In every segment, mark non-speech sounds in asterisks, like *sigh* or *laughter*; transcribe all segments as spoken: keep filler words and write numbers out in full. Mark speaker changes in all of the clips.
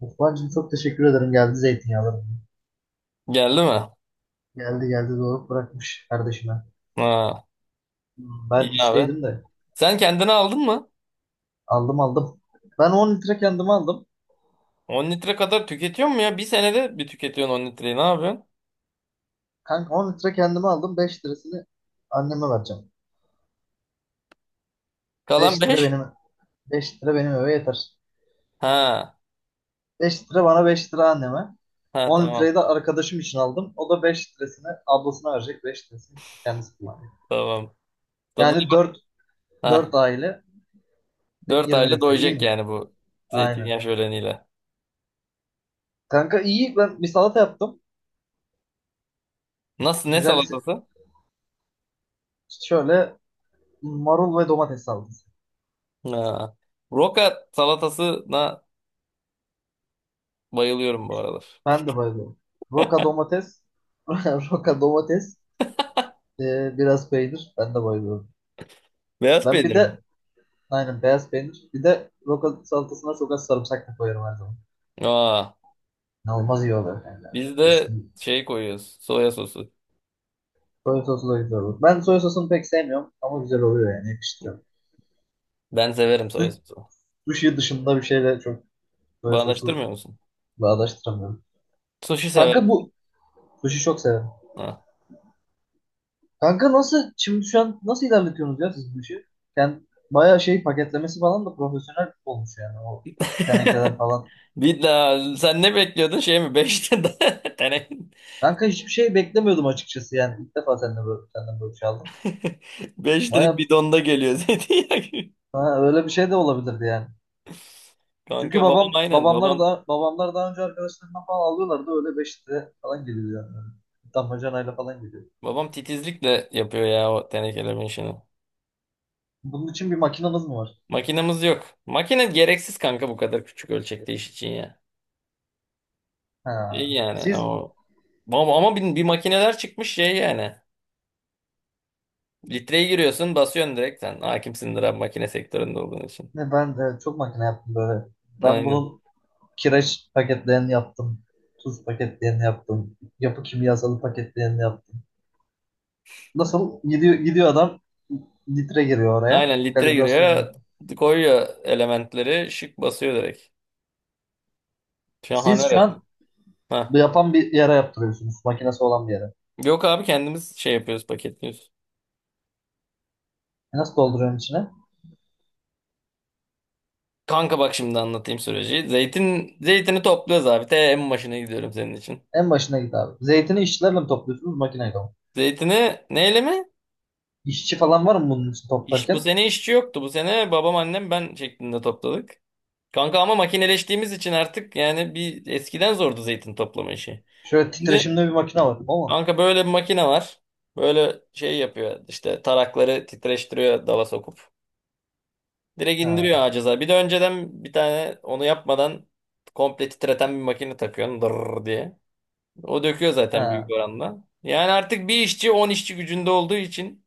Speaker 1: Osman'cığım çok teşekkür ederim. Geldi zeytinyağları.
Speaker 2: Geldi mi?
Speaker 1: Geldi geldi, doğru bırakmış kardeşime.
Speaker 2: Ha,
Speaker 1: Hmm,
Speaker 2: iyi
Speaker 1: Ben
Speaker 2: abi.
Speaker 1: işteydim de
Speaker 2: Sen kendine aldın mı?
Speaker 1: aldım aldım. Ben on litre kendime aldım.
Speaker 2: On litre kadar tüketiyor mu ya? Bir senede bir tüketiyorsun on litreyi. Ne yapıyorsun?
Speaker 1: Kanka on litre kendime aldım. beş lirasını anneme vereceğim.
Speaker 2: Kalan
Speaker 1: 5 lira
Speaker 2: beş.
Speaker 1: benim beş lira benim eve yeter.
Speaker 2: Ha.
Speaker 1: beş lira bana, beş lira anneme.
Speaker 2: Ha,
Speaker 1: on
Speaker 2: tamam.
Speaker 1: litreyi de arkadaşım için aldım. O da beş lirasını ablasına verecek. beş lirasını kendisi kullanacak.
Speaker 2: Tamam. Tadına
Speaker 1: Yani
Speaker 2: bak.
Speaker 1: dört
Speaker 2: Ha.
Speaker 1: dört aile,
Speaker 2: dört
Speaker 1: yirmi
Speaker 2: ayla
Speaker 1: litre, iyi
Speaker 2: doyacak
Speaker 1: mi?
Speaker 2: yani bu
Speaker 1: Aynen.
Speaker 2: zeytinyağı şöleniyle.
Speaker 1: Kanka iyi, ben bir salata yaptım.
Speaker 2: Nasıl? Ne
Speaker 1: Güzel,
Speaker 2: salatası?
Speaker 1: şöyle, marul ve domates salatası.
Speaker 2: Ha. Roka salatasına bayılıyorum bu aralar.
Speaker 1: Ben de bayılıyorum. Roka domates. *laughs* Roka domates. E, biraz peynir. Ben de bayılıyorum.
Speaker 2: Beyaz
Speaker 1: Ben bir
Speaker 2: peynir mi?
Speaker 1: de, aynen, beyaz peynir. Bir de roka salatasına çok az sarımsak da koyarım her zaman.
Speaker 2: Aa.
Speaker 1: İnanılmaz iyi oluyor. Yani, yani
Speaker 2: Biz
Speaker 1: çok
Speaker 2: de
Speaker 1: kesin.
Speaker 2: şey koyuyoruz. Soya sosu.
Speaker 1: Soya sosu da güzel olur. Ben soya sosunu pek sevmiyorum ama güzel oluyor, yani yakıştırıyorum.
Speaker 2: Ben severim soya
Speaker 1: Su-
Speaker 2: sosu.
Speaker 1: Sushi dışında bir şeyle çok soya
Speaker 2: Bağdaştırmıyor
Speaker 1: sosu
Speaker 2: musun?
Speaker 1: bağdaştıramıyorum.
Speaker 2: Sushi
Speaker 1: Kanka
Speaker 2: severim.
Speaker 1: bu sushi çok severim.
Speaker 2: Ha.
Speaker 1: Kanka nasıl şimdi, şu an nasıl ilerletiyorsunuz ya siz bu işi? Yani bayağı şey, paketlemesi falan da profesyonel olmuş yani, o tenekeler
Speaker 2: *laughs*
Speaker 1: falan.
Speaker 2: Bir daha sen ne bekliyordun şey mi? beş *laughs* tane
Speaker 1: Kanka hiçbir şey beklemiyordum açıkçası, yani ilk defa senden böyle, senden böyle bir şey aldım.
Speaker 2: beş litrelik
Speaker 1: Bayağı.
Speaker 2: bidonda geliyor *laughs* zeytinyağı gibi.
Speaker 1: ha, Öyle bir şey de olabilirdi yani. Çünkü
Speaker 2: Kanka babam
Speaker 1: babam
Speaker 2: aynen
Speaker 1: babamlar
Speaker 2: babam
Speaker 1: da babamlar daha önce arkadaşlarından falan alıyorlardı, öyle beş lira falan geliyor yani. Damacanayla falan geliyor.
Speaker 2: babam titizlikle yapıyor ya o tenekelerin işini.
Speaker 1: Bunun için bir makinamız mı var?
Speaker 2: Makinemiz yok. Makine gereksiz kanka bu kadar küçük ölçekte iş için ya. İyi
Speaker 1: Ha.
Speaker 2: yani
Speaker 1: Siz
Speaker 2: o ama, ama bir, bir makineler çıkmış şey yani. Litreye giriyorsun basıyorsun direkt sen. Hakimsindir abi makine sektöründe olduğun için.
Speaker 1: ne, ben de çok makine yaptım böyle. Ben
Speaker 2: Aynen.
Speaker 1: bunun Kireç paketlerini yaptım. Tuz paketlerini yaptım. Yapı kimyasalı paketlerini yaptım. Nasıl? Gidiyor, gidiyor, adam litre giriyor oraya.
Speaker 2: Aynen litre
Speaker 1: Kalibrasyonunu.
Speaker 2: giriyor koyuyor elementleri şık basıyor direkt.
Speaker 1: Siz
Speaker 2: Şahane
Speaker 1: şu an
Speaker 2: resim.
Speaker 1: bu
Speaker 2: Ha.
Speaker 1: yapan bir yere yaptırıyorsunuz, makinesi olan bir yere.
Speaker 2: Yok abi kendimiz şey yapıyoruz paketliyoruz.
Speaker 1: E, nasıl dolduruyorsun içine?
Speaker 2: Kanka bak şimdi anlatayım süreci. Zeytin zeytini topluyoruz abi. Te en başına gidiyorum senin için.
Speaker 1: En başına git abi. Zeytini işçilerle mi topluyorsunuz, makineyle mi?
Speaker 2: Zeytini neyle mi?
Speaker 1: İşçi falan var mı bunun için
Speaker 2: İş, bu
Speaker 1: toplarken?
Speaker 2: sene işçi yoktu. Bu sene babam annem ben şeklinde topladık. Kanka ama makineleştiğimiz için artık yani bir eskiden zordu zeytin toplama işi.
Speaker 1: Şöyle
Speaker 2: Şimdi
Speaker 1: titreşimli bir makine var. O mu?
Speaker 2: kanka böyle bir makine var. Böyle şey yapıyor işte tarakları titreştiriyor dala sokup. Direkt indiriyor
Speaker 1: Ha,
Speaker 2: ağaca zaten. Bir de önceden bir tane onu yapmadan komple titreten bir makine takıyorsun dırr diye. O döküyor zaten büyük
Speaker 1: ha.
Speaker 2: oranda. Yani artık bir işçi on işçi gücünde olduğu için.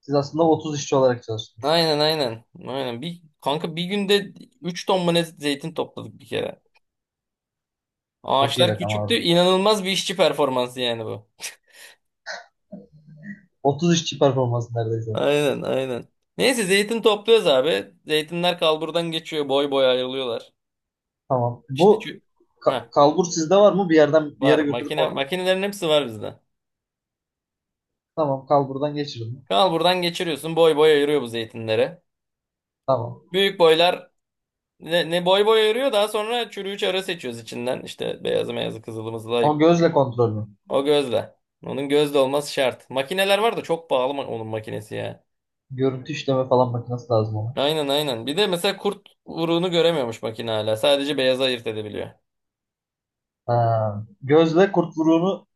Speaker 1: Siz aslında otuz işçi olarak çalıştınız.
Speaker 2: Aynen aynen. Aynen. Bir, kanka bir günde üç ton mu ne zeytin topladık bir kere.
Speaker 1: Çok iyi
Speaker 2: Ağaçlar
Speaker 1: rakam
Speaker 2: küçüktü.
Speaker 1: abi.
Speaker 2: İnanılmaz bir işçi performansı yani bu.
Speaker 1: otuz işçi performansı neredeyse.
Speaker 2: Aynen aynen. Neyse zeytin topluyoruz abi. Zeytinler kalburdan geçiyor. Boy boy ayrılıyorlar.
Speaker 1: Tamam.
Speaker 2: İşte
Speaker 1: Bu
Speaker 2: şu.
Speaker 1: ka-
Speaker 2: Heh,
Speaker 1: kalbur sizde var mı? Bir yerden bir
Speaker 2: var.
Speaker 1: yere götürüp
Speaker 2: Makine,
Speaker 1: oradan.
Speaker 2: makinelerin hepsi var bizde.
Speaker 1: Tamam, kalburdan geçirin.
Speaker 2: Kanal buradan geçiriyorsun. Boy boy ayırıyor bu zeytinleri.
Speaker 1: Tamam.
Speaker 2: Büyük boylar ne, ne boy boy ayırıyor. Daha sonra çürüğü çarı seçiyoruz içinden. İşte beyazı meyazı kızılımızı layık.
Speaker 1: O, gözle kontrol mü?
Speaker 2: O gözle. Onun gözle olması şart. Makineler var da çok pahalı ma- onun makinesi ya.
Speaker 1: Görüntü işleme falan makinesi lazım ona.
Speaker 2: Aynen aynen. Bir de mesela kurt vuruğunu göremiyormuş makine hala. Sadece beyazı ayırt edebiliyor.
Speaker 1: Ha. Gözle kurt vuruğunu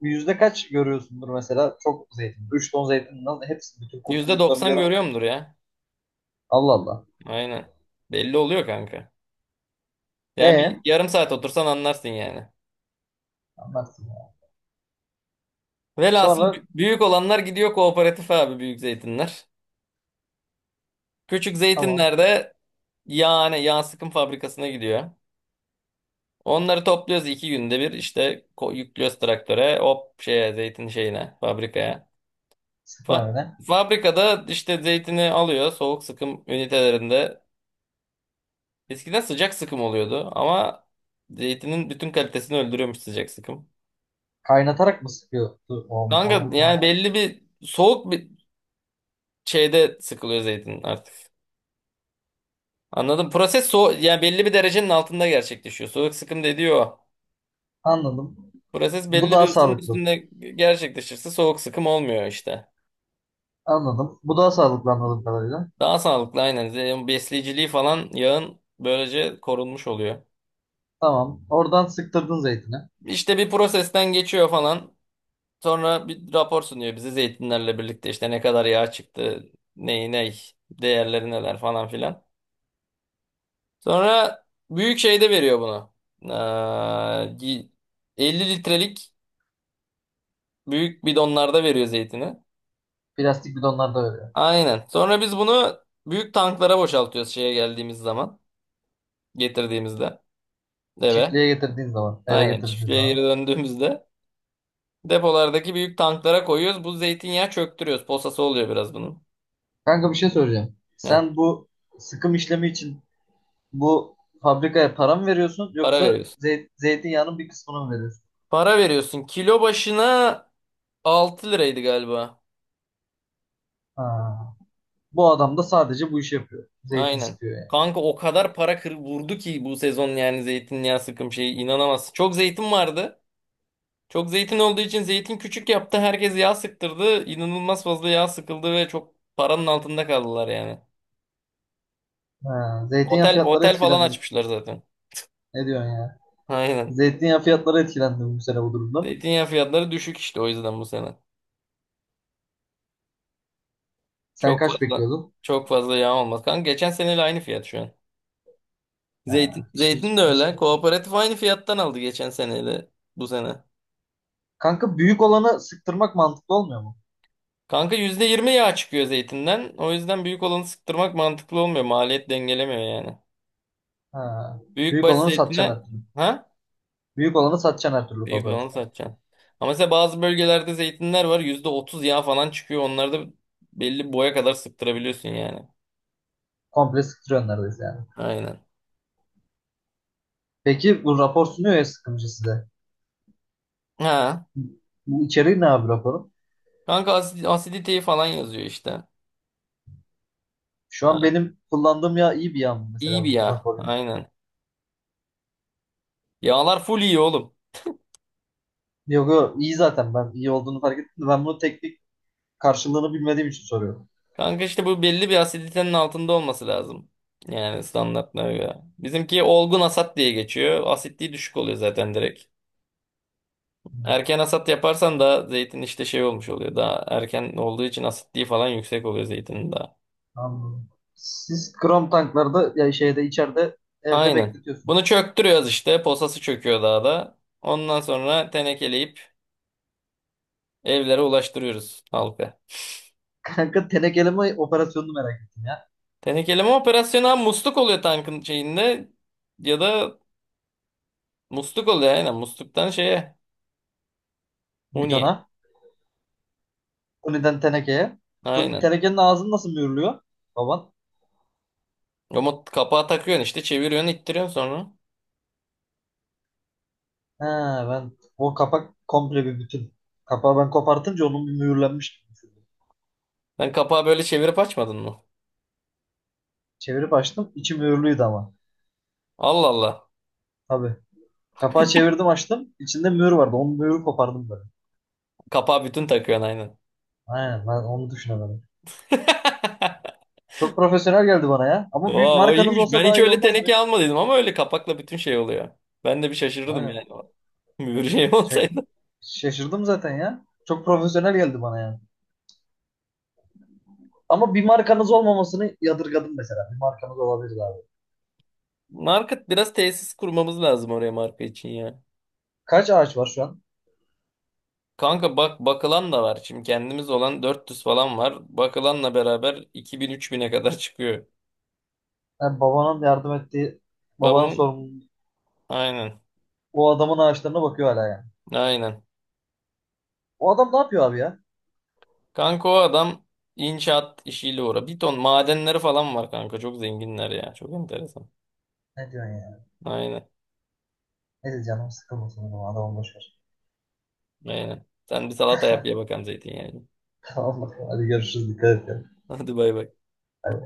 Speaker 1: yüzde kaç görüyorsundur mesela? Çok zeytin. Üç ton zeytin, nasıl? Hepsi bütün kurt vuruklarını
Speaker 2: yüzde doksan
Speaker 1: gören.
Speaker 2: görüyor mudur ya?
Speaker 1: Allah Allah.
Speaker 2: Aynen. Belli oluyor kanka. Yani
Speaker 1: E,
Speaker 2: bir yarım saat otursan anlarsın yani.
Speaker 1: anlarsın ya.
Speaker 2: Velhasıl
Speaker 1: Sonra
Speaker 2: b- büyük olanlar gidiyor kooperatif abi büyük zeytinler. Küçük
Speaker 1: tamam.
Speaker 2: zeytinlerde yani yağ sıkım fabrikasına gidiyor. Onları topluyoruz iki günde bir işte ko- yüklüyoruz traktöre hop şeye zeytin şeyine fabrikaya.
Speaker 1: Sıkma
Speaker 2: Fa-
Speaker 1: öyle.
Speaker 2: Fabrikada işte zeytini alıyor soğuk sıkım ünitelerinde. Eskiden sıcak sıkım oluyordu ama zeytinin bütün kalitesini öldürüyormuş sıcak sıkım.
Speaker 1: Kaynatarak mı sıkıyordu? O,
Speaker 2: Kanka
Speaker 1: oradaki
Speaker 2: yani
Speaker 1: man-
Speaker 2: belli bir soğuk bir şeyde sıkılıyor zeytin artık. Anladım. Proses so yani belli bir derecenin altında gerçekleşiyor. Soğuk sıkım dediği o.
Speaker 1: Anladım.
Speaker 2: Proses
Speaker 1: Bu
Speaker 2: belli
Speaker 1: daha
Speaker 2: bir ısının
Speaker 1: sağlıklı.
Speaker 2: üstünde gerçekleşirse soğuk sıkım olmuyor işte.
Speaker 1: Anladım. Bu daha sağlıklı anladığım kadarıyla.
Speaker 2: Daha sağlıklı aynen. Ze- yani besleyiciliği falan yağın böylece korunmuş oluyor.
Speaker 1: Tamam. Oradan sıktırdın zeytini.
Speaker 2: İşte bir prosesten geçiyor falan. Sonra bir rapor sunuyor bize zeytinlerle birlikte işte ne kadar yağ çıktı, ney ney, değerleri neler falan filan. Sonra büyük şeyde veriyor bunu. Ee, y- elli litrelik büyük bidonlarda veriyor zeytini.
Speaker 1: Plastik bidonlarda öyle.
Speaker 2: Aynen. Sonra biz bunu büyük tanklara boşaltıyoruz şeye geldiğimiz zaman. Getirdiğimizde eve.
Speaker 1: Çiftliğe getirdiğin zaman, eve
Speaker 2: Aynen
Speaker 1: getirdiğin
Speaker 2: çiftliğe
Speaker 1: zaman.
Speaker 2: geri döndüğümüzde depolardaki büyük tanklara koyuyoruz. Bu zeytinyağı çöktürüyoruz. Posası oluyor biraz bunun.
Speaker 1: Kanka bir şey soracağım.
Speaker 2: Ya,
Speaker 1: Sen bu sıkım işlemi için bu fabrikaya para mı veriyorsun,
Speaker 2: para
Speaker 1: yoksa
Speaker 2: veriyorsun.
Speaker 1: zey zeytinyağının bir kısmını mı veriyorsun?
Speaker 2: Para veriyorsun. Kilo başına altı liraydı galiba.
Speaker 1: Ha. Bu adam da sadece bu işi yapıyor. Zeytin
Speaker 2: Aynen.
Speaker 1: sıkıyor yani.
Speaker 2: Kanka o kadar para kır vurdu ki bu sezon yani zeytinyağı sıkım şeyi inanamazsın. Çok zeytin vardı. Çok zeytin olduğu için zeytin küçük yaptı. Herkes yağ sıktırdı. İnanılmaz fazla yağ sıkıldı ve çok paranın altında kaldılar yani.
Speaker 1: Ha. Zeytinyağı
Speaker 2: Otel
Speaker 1: fiyatları
Speaker 2: otel falan
Speaker 1: etkilendim.
Speaker 2: açmışlar zaten.
Speaker 1: Ne diyorsun ya?
Speaker 2: Aynen.
Speaker 1: Zeytinyağı fiyatları etkilendim bu sene bu durumda.
Speaker 2: Zeytinyağı fiyatları düşük işte o yüzden bu sene.
Speaker 1: Sen
Speaker 2: Çok
Speaker 1: kaç
Speaker 2: fazla
Speaker 1: bekliyordun?
Speaker 2: çok fazla yağ olmaz. Kanka geçen seneyle aynı fiyat şu an. Zeytin,
Speaker 1: Ha. Hiç,
Speaker 2: zeytin de
Speaker 1: hiç.
Speaker 2: öyle. Kooperatif aynı fiyattan aldı geçen seneyle bu sene.
Speaker 1: Kanka büyük olanı sıktırmak mantıklı olmuyor mu?
Speaker 2: Kanka yüzde yirmi yağ çıkıyor zeytinden. O yüzden büyük olanı sıktırmak mantıklı olmuyor. Maliyet dengelemiyor yani.
Speaker 1: Ha. Büyük
Speaker 2: Büyükbaş
Speaker 1: olanı satacaksın her
Speaker 2: zeytine
Speaker 1: türlü.
Speaker 2: ha?
Speaker 1: Büyük olanı satacaksın her türlü
Speaker 2: Büyük olanı
Speaker 1: kafanızda.
Speaker 2: satacaksın. Ama mesela bazı bölgelerde zeytinler var. Yüzde otuz yağ falan çıkıyor. Onlarda belli boya kadar sıktırabiliyorsun yani.
Speaker 1: Komple sıktırıyorsun neredeyse yani.
Speaker 2: Aynen.
Speaker 1: Peki bu rapor sunuyor ya sıkımcı size.
Speaker 2: Ha.
Speaker 1: Bu içeriği ne abi raporun?
Speaker 2: Kanka asid- asiditeyi falan yazıyor işte.
Speaker 1: Şu an
Speaker 2: Ha,
Speaker 1: benim kullandığım yağ iyi bir yağ mı
Speaker 2: iyi
Speaker 1: mesela,
Speaker 2: bir
Speaker 1: bu
Speaker 2: yağ.
Speaker 1: raporun?
Speaker 2: Aynen. Yağlar full iyi oğlum.
Speaker 1: Yok yok, iyi zaten, ben iyi olduğunu fark ettim de. Ben bunu teknik karşılığını bilmediğim için soruyorum.
Speaker 2: Kanka işte bu belli bir asiditenin altında olması lazım. Yani standartlara göre. Bizimki olgun asat diye geçiyor. Asitliği düşük oluyor zaten direkt.
Speaker 1: Hı.
Speaker 2: Erken asat yaparsan da zeytin işte şey olmuş oluyor. Daha erken olduğu için asitliği falan yüksek oluyor zeytinin daha.
Speaker 1: Anladım. Siz krom tanklarda ya, şeyde içeride evde
Speaker 2: Aynen.
Speaker 1: bekletiyorsun.
Speaker 2: Bunu çöktürüyoruz işte. Posası çöküyor daha da. Ondan sonra tenekeleyip evlere ulaştırıyoruz halka.
Speaker 1: *laughs* Kanka tenekeleme operasyonunu merak ettim ya.
Speaker 2: Tenekeleme operasyonu ha musluk oluyor tankın şeyinde ya da musluk oluyor aynen. Musluktan şeye. Huniye.
Speaker 1: Bidona. Tuni'den tenekeye. Tun-
Speaker 2: Aynen.
Speaker 1: Tenekenin ağzını nasıl mühürlüyor baban?
Speaker 2: Ama kapağı takıyorsun işte. Çeviriyorsun ittiriyorsun sonra.
Speaker 1: He, ben o kapak komple bir bütün. Kapağı ben kopartınca onun bir mühürlenmiş gibi düşündüm.
Speaker 2: Sen kapağı böyle çevirip açmadın mı?
Speaker 1: Çevirip açtım, içi mühürlüydü ama.
Speaker 2: Allah Allah.
Speaker 1: Tabii. Kapağı çevirdim, açtım. İçinde mühür vardı. Onun mühürü kopardım böyle.
Speaker 2: Kapağı bütün takıyorsun aynen.
Speaker 1: Aynen, ben onu düşünemedim.
Speaker 2: *laughs*
Speaker 1: Çok profesyonel geldi bana ya.
Speaker 2: Vay
Speaker 1: Ama büyük
Speaker 2: vay
Speaker 1: markanız
Speaker 2: iyiymiş.
Speaker 1: olsa
Speaker 2: Ben
Speaker 1: daha
Speaker 2: hiç
Speaker 1: iyi
Speaker 2: öyle
Speaker 1: olmaz mı?
Speaker 2: teneke almadıydım ama öyle kapakla bütün şey oluyor. Ben de bir şaşırırdım yani.
Speaker 1: Aynen.
Speaker 2: *laughs* Bir şey
Speaker 1: Şey-
Speaker 2: olsaydı.
Speaker 1: Şaşırdım zaten ya. Çok profesyonel geldi bana yani. Ama bir markanız olmamasını yadırgadım mesela. Bir markanız olabilir abi.
Speaker 2: Market biraz tesis kurmamız lazım oraya marka için ya.
Speaker 1: Kaç ağaç var şu an?
Speaker 2: Kanka bak bakılan da var. Şimdi kendimiz olan dört yüz falan var. Bakılanla beraber iki bin üç bine kadar çıkıyor.
Speaker 1: Yani babanın yardım ettiği, babanın
Speaker 2: Babamın
Speaker 1: sorumluluğu.
Speaker 2: aynen.
Speaker 1: O adamın ağaçlarına bakıyor hala yani.
Speaker 2: Aynen.
Speaker 1: O adam ne yapıyor abi ya?
Speaker 2: Kanka o adam inşaat işiyle uğra. Bir ton madenleri falan var kanka. Çok zenginler ya. Çok enteresan.
Speaker 1: Ne diyorsun ya?
Speaker 2: Aynen.
Speaker 1: Neyse canım sıkılmasın, o adamı boş ver.
Speaker 2: Aynen. Sen bir salata yap ye bakalım zeytinyağını.
Speaker 1: *laughs* Tamam bakalım, hadi görüşürüz, dikkat et ya.
Speaker 2: *laughs* Hadi bay bay.